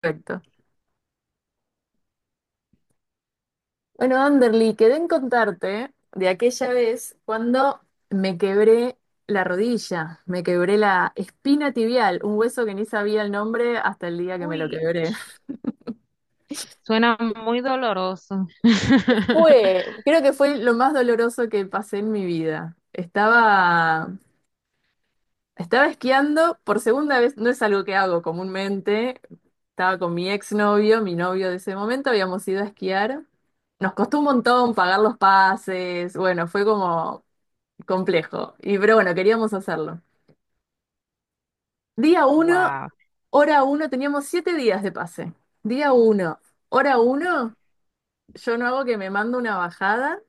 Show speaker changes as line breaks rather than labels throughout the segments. Perfecto. Bueno, Anderly, quedé en contarte de aquella vez cuando me quebré la rodilla, me quebré la espina tibial, un hueso que ni sabía el nombre hasta el día que me
Uy,
lo quebré.
suena muy doloroso.
Fue, creo que fue lo más doloroso que pasé en mi vida. Estaba esquiando por segunda vez, no es algo que hago comúnmente. Estaba con mi exnovio, mi novio de ese momento, habíamos ido a esquiar. Nos costó un montón pagar los pases, bueno, fue como complejo. Y pero bueno, queríamos hacerlo. Día uno,
Wow.
hora uno, teníamos 7 días de pase. Día uno, hora uno, yo no hago que me mando una bajada,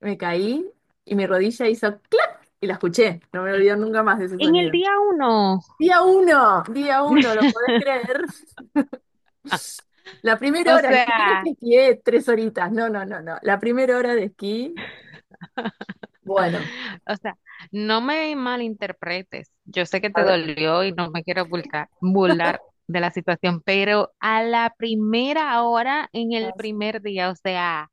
me caí y mi rodilla hizo clac y la escuché. No me olvido nunca más de ese
¿En el
sonido.
día uno?
Día uno, ¿lo podés creer? La primera
o
hora, ni siquiera es
sea,
que esquié tres horitas, no, no, no, no. La primera hora de esquí, bueno,
o sea, no me malinterpretes. Yo sé que te
a ver.
dolió y no me quiero burlar de la situación, pero a la primera hora, en el
Sí.
primer día, o sea,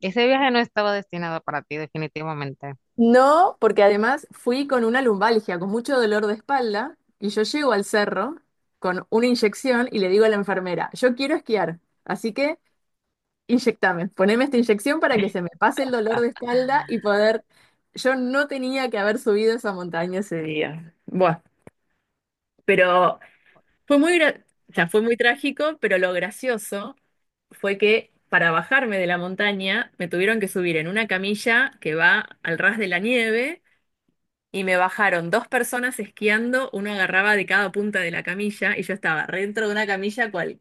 ese viaje no estaba destinado para ti, definitivamente.
No, porque además fui con una lumbalgia, con mucho dolor de espalda, y yo llego al cerro con una inyección y le digo a la enfermera, yo quiero esquiar, así que inyectame, poneme esta inyección para que se me pase el dolor de espalda y poder... Yo no tenía que haber subido esa montaña ese día. Bueno, pero fue muy, o sea,
No.
fue muy trágico, pero lo gracioso fue que para bajarme de la montaña me tuvieron que subir en una camilla que va al ras de la nieve. Y me bajaron dos personas esquiando, uno agarraba de cada punta de la camilla y yo estaba re dentro de una camilla cual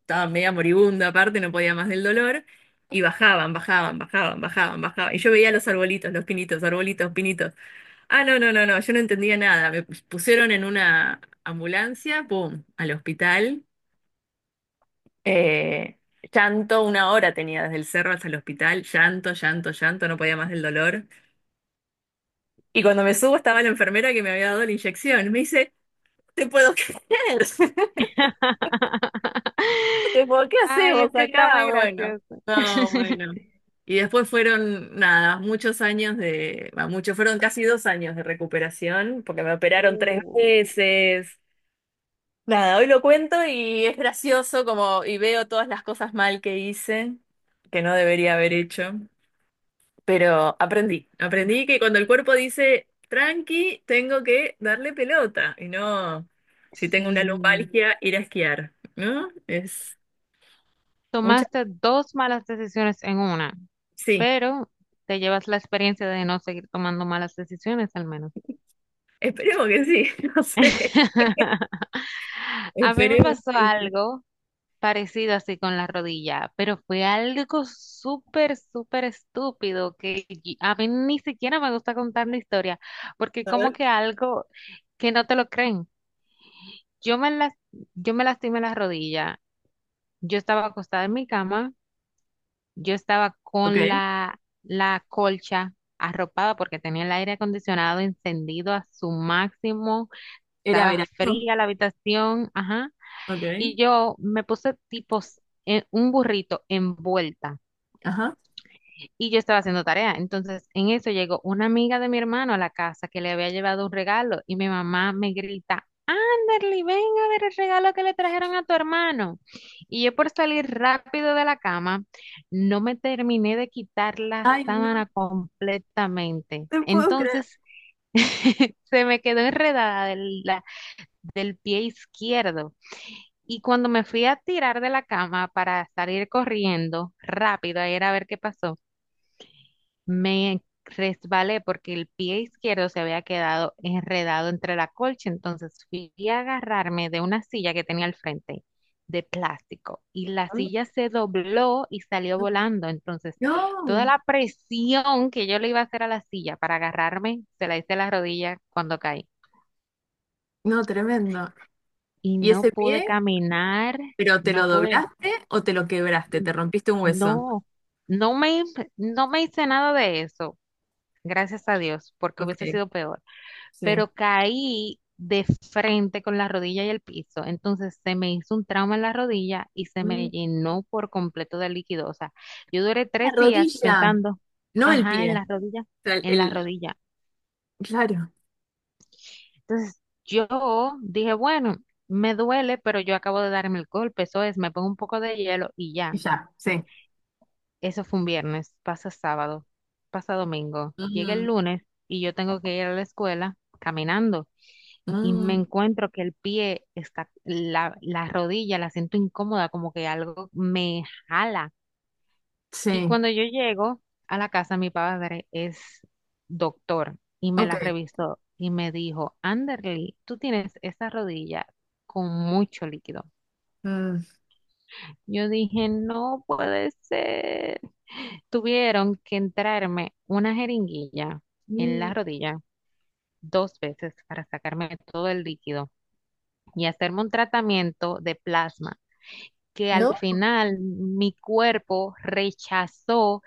estaba media moribunda aparte, no podía más del dolor, y bajaban, bajaban, bajaban, bajaban, bajaban. Y yo veía los arbolitos, los pinitos, arbolitos, pinitos. Ah, no, no, no, no, yo no entendía nada. Me pusieron en una ambulancia, pum, al hospital. Eh, Llanto, una hora tenía desde el cerro hasta el hospital, llanto, llanto, llanto, no podía más del dolor. Y cuando me subo estaba la enfermera que me había dado la inyección. Me dice, ¿te puedo creer? ¿Te puedo qué
Ay,
hacemos
es que está
acá?
muy
Bueno,
gracioso.
no, bueno. Y después fueron, nada, muchos años de, va, muchos, fueron casi 2 años de recuperación, porque me operaron tres
Uh.
veces. Nada, hoy lo cuento y es gracioso como, y veo todas las cosas mal que hice, que no debería haber hecho. Pero aprendí, aprendí que cuando el cuerpo dice tranqui, tengo que darle pelota y no, si tengo
Si
una lumbalgia, ir a esquiar, ¿no? Es mucha.
tomaste dos malas decisiones en una,
Sí,
pero te llevas la experiencia de no seguir tomando malas decisiones al menos.
esperemos que sí, no sé,
A mí me
esperemos
pasó
que sí.
algo parecido así con la rodilla, pero fue algo súper, súper estúpido a mí ni siquiera me gusta contar la historia, porque
A
como
ver.
que algo que no te lo creen. Yo me las, yo me lastimé la rodilla. Yo estaba acostada en mi cama. Yo estaba
Ok,
con la colcha arropada porque tenía el aire acondicionado encendido a su máximo,
era
estaba
verano.
fría la habitación, ajá,
Ok,
y yo me puse en un burrito envuelta
ajá.
y yo estaba haciendo tarea. Entonces, en eso llegó una amiga de mi hermano a la casa que le había llevado un regalo y mi mamá me grita, Kimberly, ven a ver el regalo que le trajeron a tu hermano. Y yo por salir rápido de la cama, no me terminé de quitar la
Ay, no,
sábana completamente.
te puedo creer.
Entonces, se me quedó enredada del pie izquierdo. Y cuando me fui a tirar de la cama para salir corriendo rápido a ir a ver qué pasó, me resbalé porque el pie izquierdo se había quedado enredado entre la colcha, entonces fui a agarrarme de una silla que tenía al frente de plástico y la silla se dobló y salió volando, entonces toda
No,
la presión que yo le iba a hacer a la silla para agarrarme, se la hice a la rodilla cuando caí
no, tremendo.
y
¿Y
no
ese
pude
pie?
caminar,
¿Pero te
no
lo
pude,
doblaste o te lo quebraste?
n-
¿Te rompiste un hueso?
no, no me hice nada de eso, gracias a Dios, porque hubiese
Ok,
sido peor.
sí.
Pero caí de frente con la rodilla y el piso. Entonces se me hizo un trauma en la rodilla y se me llenó por completo de líquido. O sea, yo duré
La
3 días
rodilla,
pensando,
no el
ajá, en
pie.
la
O
rodilla,
sea,
en la
el,
rodilla.
claro,
Entonces yo dije, bueno, me duele, pero yo acabo de darme el golpe, eso es, me pongo un poco de hielo y ya.
ya, sí.
Eso fue un viernes, pasa sábado, pasa domingo, llega el
Mm,
lunes y yo tengo que ir a la escuela caminando. Y me
mm,
encuentro que el pie está, la rodilla la siento incómoda, como que algo me jala. Y
sí,
cuando yo llego a la casa, mi padre es doctor y me
ok.
la revisó y me dijo, Anderly, tú tienes esa rodilla con mucho líquido.
Mm,
Yo dije, no puede ser. Tuvieron que entrarme una jeringuilla en
mm,
la rodilla dos veces para sacarme todo el líquido y hacerme un tratamiento de plasma que al
¿no?
final mi cuerpo rechazó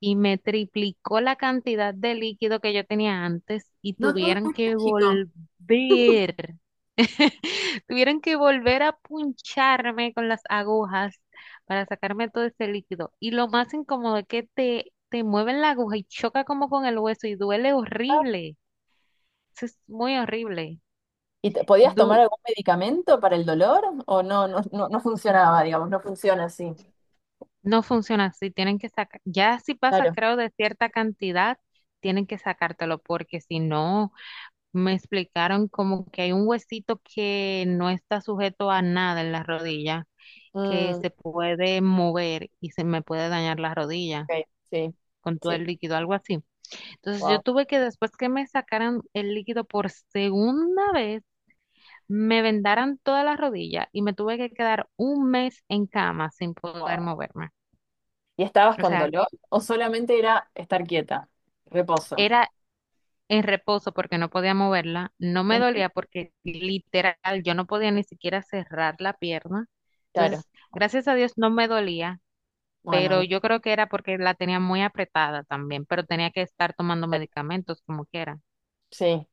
y me triplicó la cantidad de líquido que yo tenía antes y
No todo es
tuvieron que
mágico.
volver, tuvieron que volver a puncharme con las agujas para sacarme todo ese líquido. Y lo más incómodo es que te mueven la aguja y choca como con el hueso y duele horrible. Eso es muy horrible.
¿Y podías tomar
Du-
algún medicamento para el dolor? ¿O no, no, no, no funcionaba, digamos, no funciona así?
No funciona así, tienen que sacar, ya si pasa,
Claro.
creo, de cierta cantidad, tienen que sacártelo, porque si no, me explicaron como que hay un huesito que no está sujeto a nada en la rodilla, que
Mm,
se puede mover y se me puede dañar la rodilla
ok, sí,
con todo
sí,
el líquido, algo así. Entonces yo
wow,
tuve que, después que me sacaran el líquido por segunda vez, me vendaran toda la rodilla y me tuve que quedar un mes en cama sin poder
wow.
moverme.
¿Y estabas
O
con
sea,
dolor? ¿O solamente era estar quieta, reposo?
era en reposo porque no podía moverla, no me
Mm,
dolía porque literal yo no podía ni siquiera cerrar la pierna.
claro,
Entonces, gracias a Dios no me dolía,
bueno,
pero
bien,
yo creo que era porque la tenía muy apretada también, pero tenía que estar tomando
claro.
medicamentos como quiera.
Sí,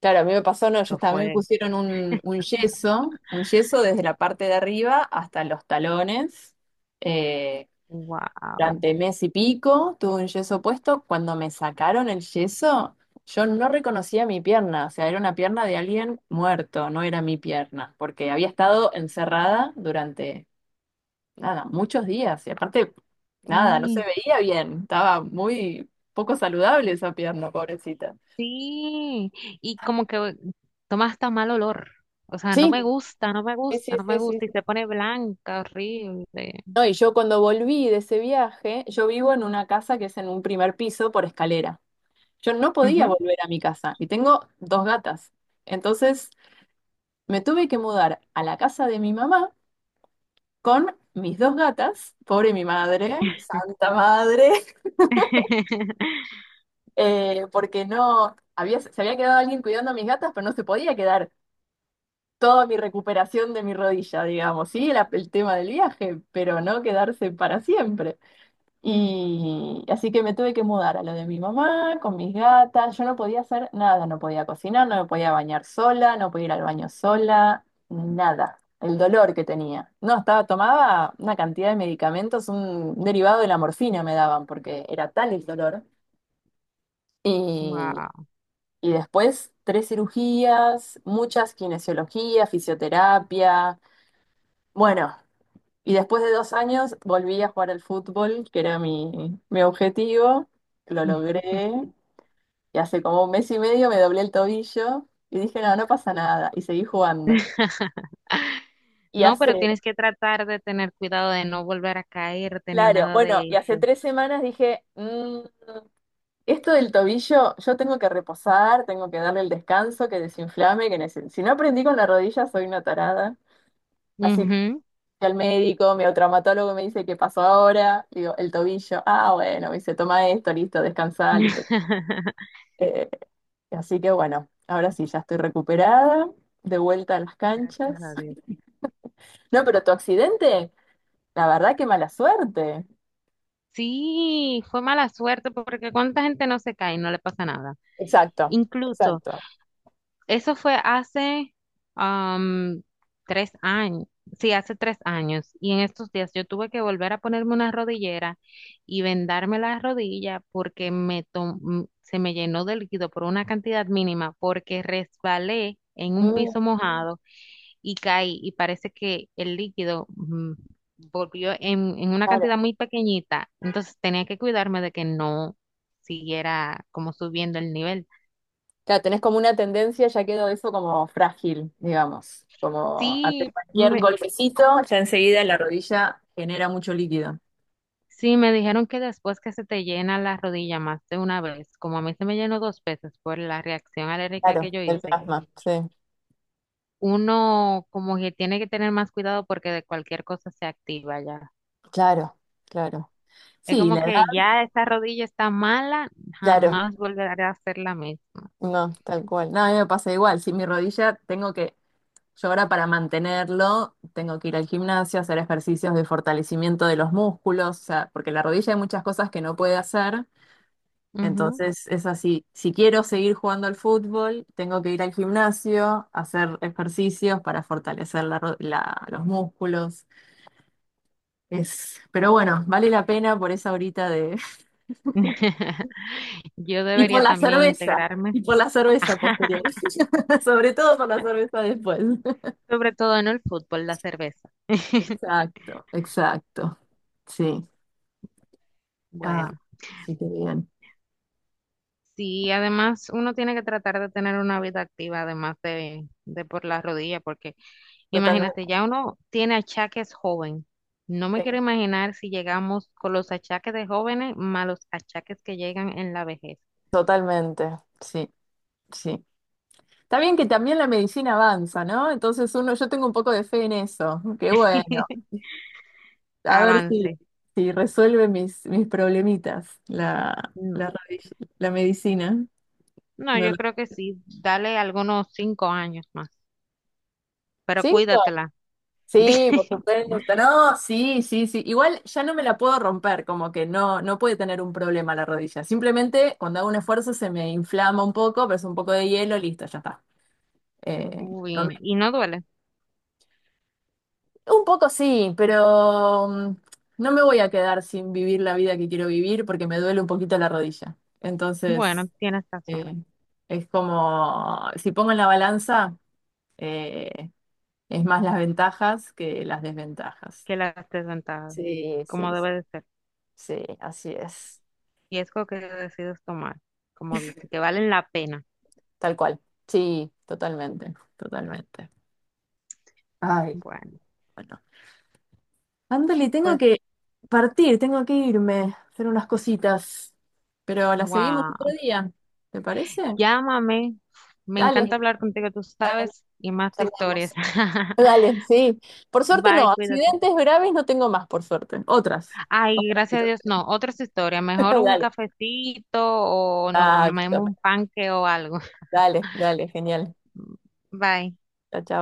claro, a mí me pasó, no,
Eso
a mí me
fue,
pusieron un yeso, un yeso desde la parte de arriba hasta los talones. eh,
wow,
durante mes y pico tuve un yeso puesto. Cuando me sacaron el yeso, yo no reconocía mi pierna, o sea, era una pierna de alguien muerto, no era mi pierna, porque había estado encerrada durante, nada, muchos días. Y aparte, nada, no se
sí,
veía bien, estaba muy poco saludable esa pierna, pobrecita.
sí. Y como que toma hasta mal olor. O sea, no
Sí,
me gusta, no me
sí,
gusta,
sí,
no me
sí, sí,
gusta. Y se pone blanca, horrible.
no, y yo cuando volví de ese viaje, yo vivo en una casa que es en un primer piso por escalera. Yo no podía
Ujú.
volver a mi casa y tengo dos gatas. Entonces me tuve que mudar a la casa de mi mamá con mis dos gatas, pobre mi madre, santa madre, porque no, había, se había quedado alguien cuidando a mis gatas, pero no se podía quedar toda mi recuperación de mi rodilla, digamos, sí, era el tema del viaje, pero no quedarse para siempre. Y así que me tuve que mudar a lo de mi mamá, con mis gatas. Yo no podía hacer nada, no podía cocinar, no me podía bañar sola, no podía ir al baño sola, nada. El dolor que tenía. No, estaba, tomaba una cantidad de medicamentos, un derivado de la morfina me daban, porque era tal el dolor. Y,
Wow.
y después tres cirugías, muchas kinesiologías, fisioterapia. Bueno, y después de 2 años volví a jugar al fútbol, que era mi objetivo, lo logré, y hace como un mes y medio me doblé el tobillo y dije, no, no pasa nada, y seguí jugando. Y
No, pero
hace,
tienes que tratar de tener cuidado de no volver a caerte ni
claro,
nada
bueno,
de
y hace
eso.
3 semanas dije, esto del tobillo, yo tengo que reposar, tengo que darle el descanso, que desinflame, que si no aprendí con la rodilla soy una tarada. Así que
Ujú.
fui al médico, mi traumatólogo me dice, ¿qué pasó ahora? Digo, el tobillo, ah, bueno, me dice, toma esto, listo, descansa, listo. Eh, así que bueno, ahora sí, ya estoy recuperada, de vuelta a las
Gracias
canchas.
a Dios.
No, pero tu accidente, la verdad que mala suerte.
Sí, fue mala suerte porque cuánta gente no se cae y no le pasa nada.
Exacto,
Incluso,
exacto.
eso fue hace am, 3 años, sí, hace 3 años. Y en estos días yo tuve que volver a ponerme una rodillera y vendarme la rodilla porque se me llenó de líquido por una cantidad mínima porque resbalé en un
Mm,
piso mojado y caí y parece que el líquido volvió en una
claro.
cantidad muy pequeñita. Entonces tenía que cuidarme de que no siguiera como subiendo el nivel.
Claro, tenés como una tendencia, ya quedó eso como frágil, digamos, como ante
Sí,
cualquier
me,
golpecito, ya enseguida la rodilla genera mucho líquido.
Sí, me dijeron que después que se te llena la rodilla más de una vez, como a mí se me llenó dos veces por la reacción alérgica que
Claro,
yo
del
hice,
plasma, sí.
uno como que tiene que tener más cuidado porque de cualquier cosa se activa ya.
Claro, claro,
Es
sí,
como
la
que
edad,
ya esa rodilla está mala,
claro.
jamás volveré a hacer la misma.
No, tal cual. No, a mí me pasa igual, si mi rodilla tengo que yo ahora para mantenerlo tengo que ir al gimnasio, hacer ejercicios de fortalecimiento de los músculos, o sea, porque la rodilla hay muchas cosas que no puede hacer.
Ujú.
Entonces es así, si quiero seguir jugando al fútbol, tengo que ir al gimnasio, hacer ejercicios para fortalecer los músculos. Es, pero bueno, vale la pena por esa horita de...
Yo
Y por
debería
la
también
cerveza,
integrarme,
y por la cerveza posterior. Sobre todo por la cerveza después.
sobre todo en el fútbol, la cerveza.
Exacto, exacto. Sí. Ah,
Bueno.
sí, qué bien.
Sí, además uno tiene que tratar de tener una vida activa, además de por las rodillas, porque
Totalmente,
imagínate, ya uno tiene achaques joven. No me quiero imaginar si llegamos con los achaques de jóvenes más los achaques que llegan en la vejez.
totalmente, sí, sí. Está bien que también la medicina avanza, ¿no? Entonces uno, yo tengo un poco de fe en eso. Qué bueno. A ver
Avance.
si resuelve mis problemitas
No,
la medicina.
no,
No
yo
lo-
creo que sí, dale algunos 5 años más, pero
¿Cinco?
cuídatela.
Sí, por supuesto. No, sí, sí, sí. Igual ya no me la puedo romper, como que no, no puede tener un problema la rodilla. Simplemente cuando hago un esfuerzo se me inflama un poco, pero es un poco de hielo, listo, ya está. Eh, no
Uy,
me-
y no duele.
un poco sí, pero no me voy a quedar sin vivir la vida que quiero vivir porque me duele un poquito la rodilla. Entonces,
Bueno, tienes razón,
eh, es como, si pongo en la balanza, eh, es más las ventajas que las desventajas.
que las desventajas,
Sí, sí,
como debe de ser.
sí, así es,
Riesgo que decides tomar, como dice, que valen la pena.
tal cual. Sí, totalmente, totalmente. Ay.
Bueno,
Bueno. Ándale, tengo
pues,
que partir, tengo que irme, hacer unas cositas. Pero la seguimos otro
wow.
día, ¿te parece? Sí,
Llámame. Me
dale,
encanta hablar contigo, tú
dale,
sabes, y más de historias.
charlamos. Dale, sí. Por suerte no,
Bye, cuídate.
accidentes graves no tengo más, por suerte. Otras.
Ay,
Otras
gracias a Dios, no, otras historias. Mejor un
Dale.
cafecito o no comemos un
Exacto.
panque o algo.
Dale, dale, genial.
Bye.
Chao, chao.